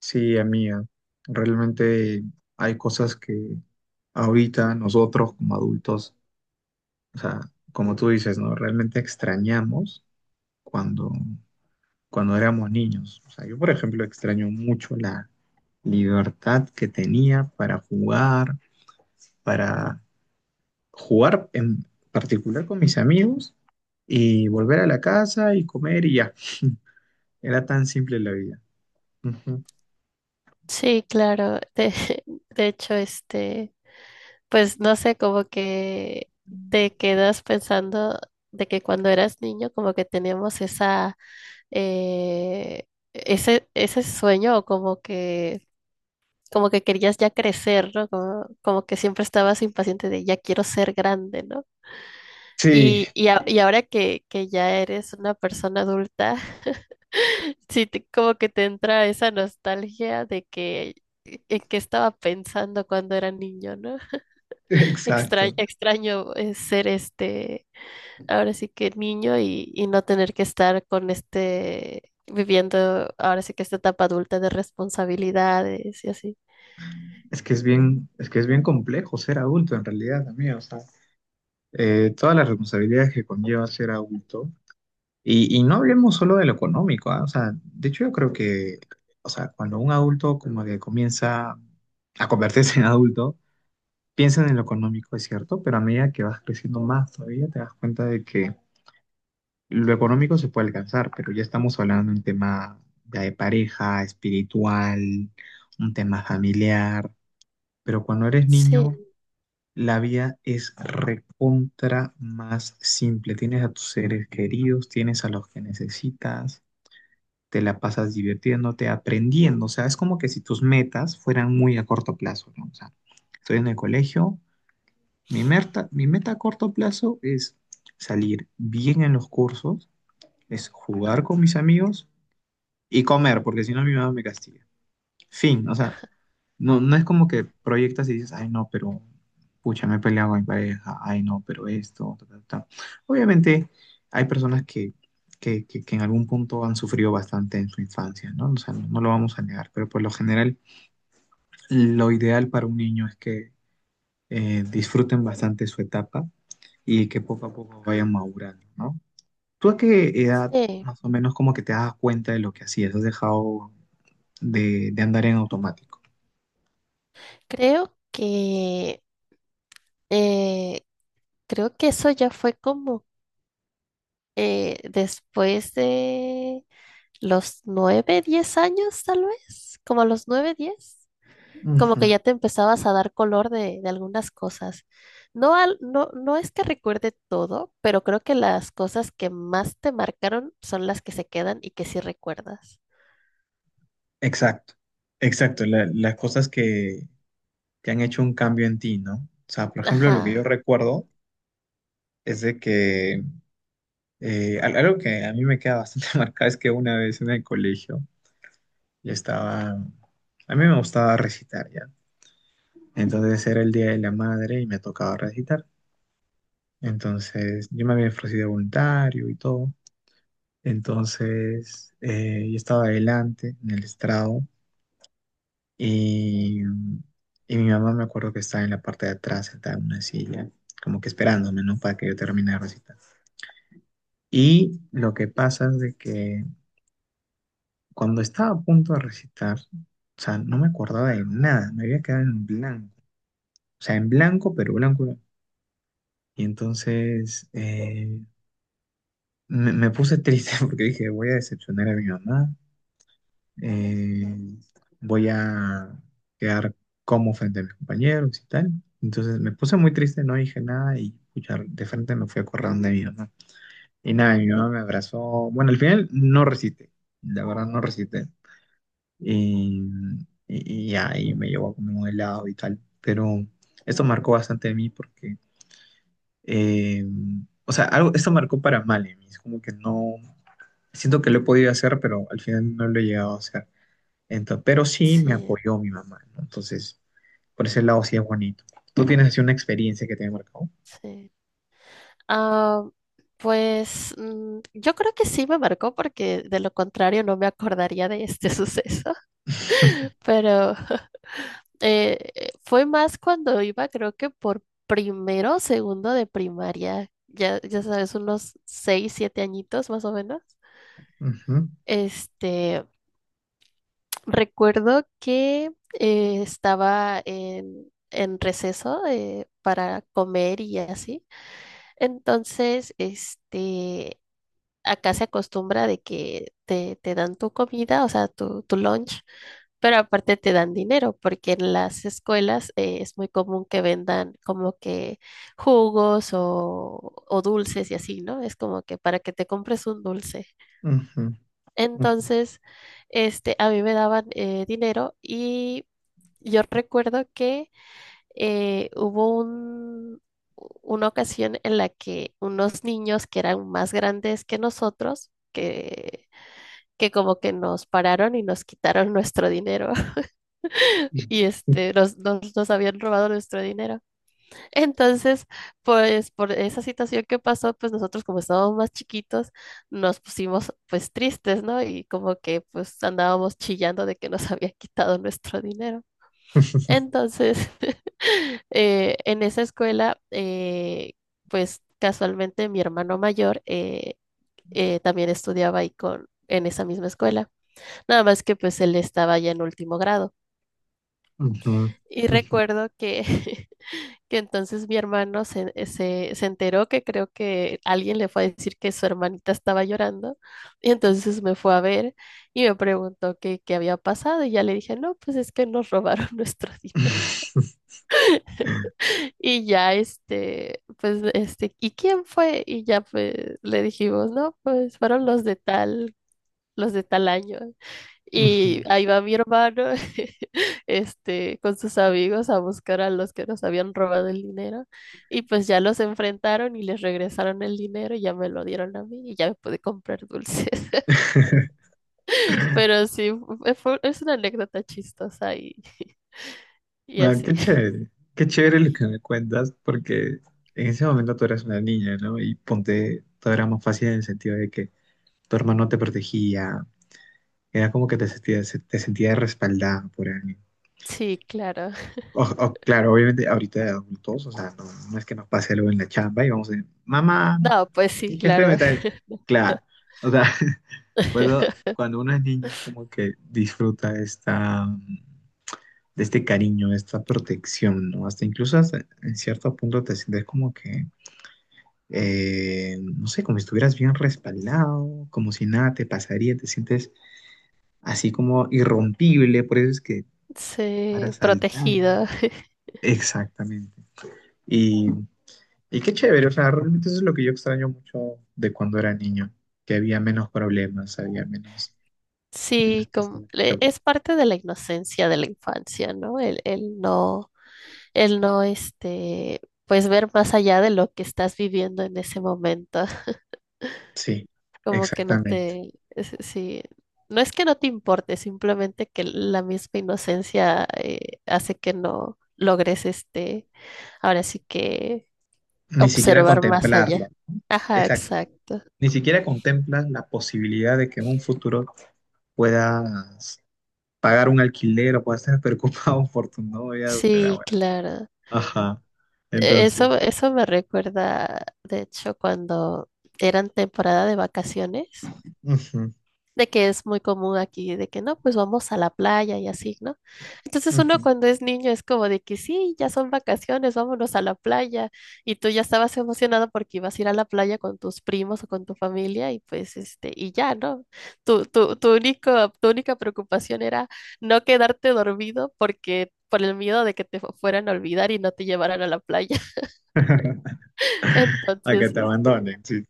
Sí, amiga, realmente hay cosas que ahorita nosotros como adultos, o sea, como tú dices, ¿no? Realmente extrañamos cuando, cuando éramos niños. O sea, yo, por ejemplo, extraño mucho la libertad que tenía para jugar en particular con mis amigos y volver a la casa y comer y ya. Era tan simple la vida. Ujú. Sí, claro. De hecho, pues no sé, como que te quedas pensando de que cuando eras niño, como que teníamos eh, ese sueño, o como que querías ya crecer, ¿no? Como que siempre estabas impaciente de ya quiero ser grande, ¿no? Sí, Y ahora que ya eres una persona adulta, sí, como que te entra esa nostalgia de que en qué estaba pensando cuando era niño, ¿no? Extraño, exacto. extraño eh, ser ahora sí que niño y no tener que estar con viviendo ahora sí que esta etapa adulta de responsabilidades y así. Es que es bien complejo ser adulto en realidad, amigo. O sea, todas las responsabilidades que conlleva ser adulto. Y no hablemos solo de lo económico, ¿ah? O sea, de hecho yo creo que, o sea, cuando un adulto como que comienza a convertirse en adulto, piensan en lo económico, es cierto, pero a medida que vas creciendo más todavía te das cuenta de que lo económico se puede alcanzar, pero ya estamos hablando de un tema ya de pareja, espiritual, un tema familiar, pero cuando eres niño Sí, la vida es recontra más simple. Tienes a tus seres queridos, tienes a los que necesitas, te la pasas divirtiéndote, aprendiendo. O sea, es como que si tus metas fueran muy a corto plazo, ¿no? O sea, estoy en el colegio, mi meta a corto plazo es salir bien en los cursos, es jugar con mis amigos y comer, porque si no mi mamá me castiga. Fin, o sea, no es como que proyectas y dices, ay, no, pero pucha, me he peleado con mi pareja, ay, no, pero esto, ta, ta, ta". Obviamente hay personas que, que en algún punto han sufrido bastante en su infancia, ¿no? O sea, no lo vamos a negar, pero por lo general lo ideal para un niño es que disfruten bastante su etapa y que poco a poco vayan madurando, ¿no? ¿Tú a qué edad sí. más o menos como que te das cuenta de lo que hacías? ¿Has dejado de andar en automático? Creo que, eh, creo que eso ya fue como después de los 9, 10 años, tal vez, como a los 9, 10, como Ujú. que ya te empezabas a dar color de algunas cosas. No, no es que recuerde todo, pero creo que las cosas que más te marcaron son las que se quedan y que sí recuerdas. Exacto, exacto, las cosas que han hecho un cambio en ti, ¿no? O sea, por ejemplo, lo que yo Ajá, recuerdo es de que algo que a mí me queda bastante marcado es que una vez en el colegio yo estaba, a mí me gustaba recitar ya, entonces era el Día de la Madre y me tocaba recitar, entonces yo me había ofrecido voluntario y todo, entonces yo estaba adelante en el estrado, Y, y mi mamá me acuerdo que estaba en la parte de atrás, sentada en una silla, como que esperándome, ¿no? Para que yo termine de recitar. Y lo que pasa es de que cuando estaba a punto de recitar, o sea, no me acordaba de nada, me había quedado en blanco. O sea, en blanco, pero blanco. Blanco. Y entonces me puse triste porque dije, voy a decepcionar a mi mamá, eh, voy a quedar como frente a mis compañeros y tal. Entonces me puse muy triste, no dije nada y pucha, de frente me fui a correr donde mi mamá. Y nada, mi mamá me abrazó. Bueno, al final no resiste, la verdad no resiste. Y, y ahí me llevó a comer un helado y tal. Pero esto marcó bastante de mí porque, eh, o sea, algo, esto marcó para mal en mí. Es como que no, siento que lo he podido hacer, pero al final no lo he llegado a hacer. Entonces, pero sí me sí, apoyó mi mamá, ¿no? Entonces, por ese lado sí es bonito. ¿Tú tienes así una experiencia que te haya marcado? sí. Ah, pues yo creo que sí me marcó porque de lo contrario no me acordaría de este suceso, pero. Fue más cuando iba, creo que por primero o segundo de primaria, ya, ya sabes, unos 6, 7 añitos más o menos. Ujú, Este, recuerdo que estaba en receso para comer y así. Entonces, acá se acostumbra de que te dan tu comida, o sea, tu lunch, pero aparte te dan dinero, porque en las escuelas es muy común que vendan como que jugos o dulces y así, ¿no? Es como que para que te compres un dulce. ujú, ujú, Entonces, a mí me daban dinero y yo recuerdo que hubo una ocasión en la que unos niños que eran más grandes que nosotros, que como que nos pararon y nos quitaron nuestro dinero y nos habían robado nuestro dinero. Entonces, pues por esa situación que pasó, pues nosotros como estábamos más chiquitos, nos pusimos pues tristes, ¿no? Y como que pues andábamos chillando de que nos habían quitado nuestro dinero. Entonces, en esa escuela, pues casualmente mi hermano mayor también estudiaba ahí en esa misma escuela, nada más que pues él estaba ya en último grado. ujú, Y ujú, recuerdo que, que entonces mi hermano se enteró que creo que alguien le fue a decir que su hermanita estaba llorando y entonces me fue a ver y me preguntó qué había pasado y ya le dije, no, pues es que nos robaron nuestro dinero. Y ya, pues, ¿y quién fue? Y ya, pues, le dijimos, no, pues, fueron los de tal año. Y ujú. ahí va mi hermano, con sus amigos a buscar a los que nos habían robado el dinero. Y pues ya los enfrentaron y les regresaron el dinero y ya me lo dieron a mí y ya me pude comprar dulces. Pero sí, es una anécdota chistosa y, y Ah, así. Qué chévere lo que me cuentas, porque en ese momento tú eras una niña, ¿no? Y ponte, todo era más fácil en el sentido de que tu hermano te protegía, era como que te sentías respaldada por alguien. Sí, claro. Claro, obviamente ahorita de adultos, o sea, no, no es que nos pase algo en la chamba y vamos a decir, mamá, No, pues sí, mi jefe me claro. trae. Claro, o sea, cuando, cuando uno es niño es como que disfruta esta, de este cariño, de esta protección, ¿no? Hasta incluso hasta en cierto punto te sientes como que, no sé, como si estuvieras bien respaldado, como si nada te pasaría, te sientes así como irrompible, por eso es que Sí, paras saltando. protegida. Exactamente. Y y qué chévere, o sea, realmente eso es lo que yo extraño mucho de cuando era niño, que había menos problemas, había menos, menos Sí, cosas de que preocupar. es parte de la inocencia de la infancia, ¿no? El no, pues ver más allá de lo que estás viviendo en ese momento, Sí, como que exactamente. Sí, no es que no te importe, simplemente que la misma inocencia hace que no logres, ahora sí que Ni siquiera observar más allá. contemplarlo, ¿no? Ajá, Exacto. exacto. Ni siquiera contemplas la posibilidad de que en un futuro puedas pagar un alquiler o puedas estar preocupado por tu novia tu Sí, abuela. claro. Ajá. e-, Entonces, Eso, eso me recuerda, de hecho, cuando eran temporada de vacaciones, ujú, de que es muy común aquí, de que no, pues vamos a la playa y así, ¿no? Entonces uno ujú. cuando es niño es como de que sí, ya son vacaciones, vámonos a la playa. Y tú ya estabas emocionado porque ibas a ir a la playa con tus primos o con tu familia y pues y ya, ¿no? Tu única preocupación era no quedarte dormido porque por el miedo de que te fueran a olvidar y no te llevaran a la playa. A que Entonces, te abandonen. Sí.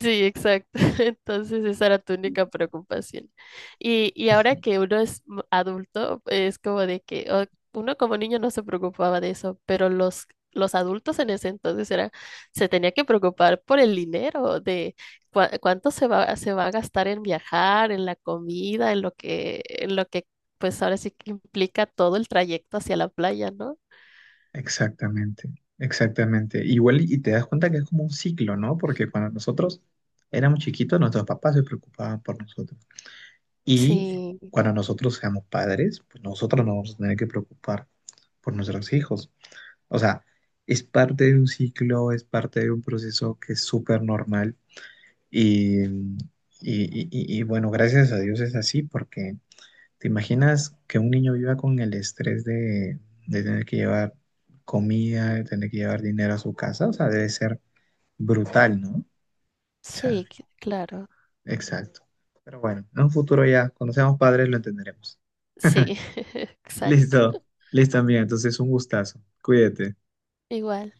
sí, exacto. Entonces esa era tu única preocupación. Y ahora que uno es adulto, es como de que uno como niño no se preocupaba de eso, pero los adultos en ese entonces se tenía que preocupar por el dinero, de cuánto se va a gastar en viajar, en la comida, en lo que, pues ahora sí que implica todo el trayecto hacia la playa, ¿no? Exactamente, exactamente. Igual y te das cuenta que es como un ciclo, ¿no? Porque cuando nosotros éramos chiquitos, nuestros papás se preocupaban por nosotros. Y Sí, cuando nosotros seamos padres, pues nosotros nos vamos a tener que preocupar por nuestros hijos. O sea, es parte de un ciclo, es parte de un proceso que es súper normal. Y, y, y bueno, gracias a Dios es así porque ¿te imaginas que un niño viva con el estrés de tener que llevar comida, de tener que llevar dinero a su casa? O sea, debe ser brutal, ¿no? O sea, sí, claro. exacto. Pero bueno, en un futuro ya, cuando seamos padres, lo entenderemos. Sí, Listo, exacto. listo, amiga. Entonces, un gustazo. Cuídate. Igual.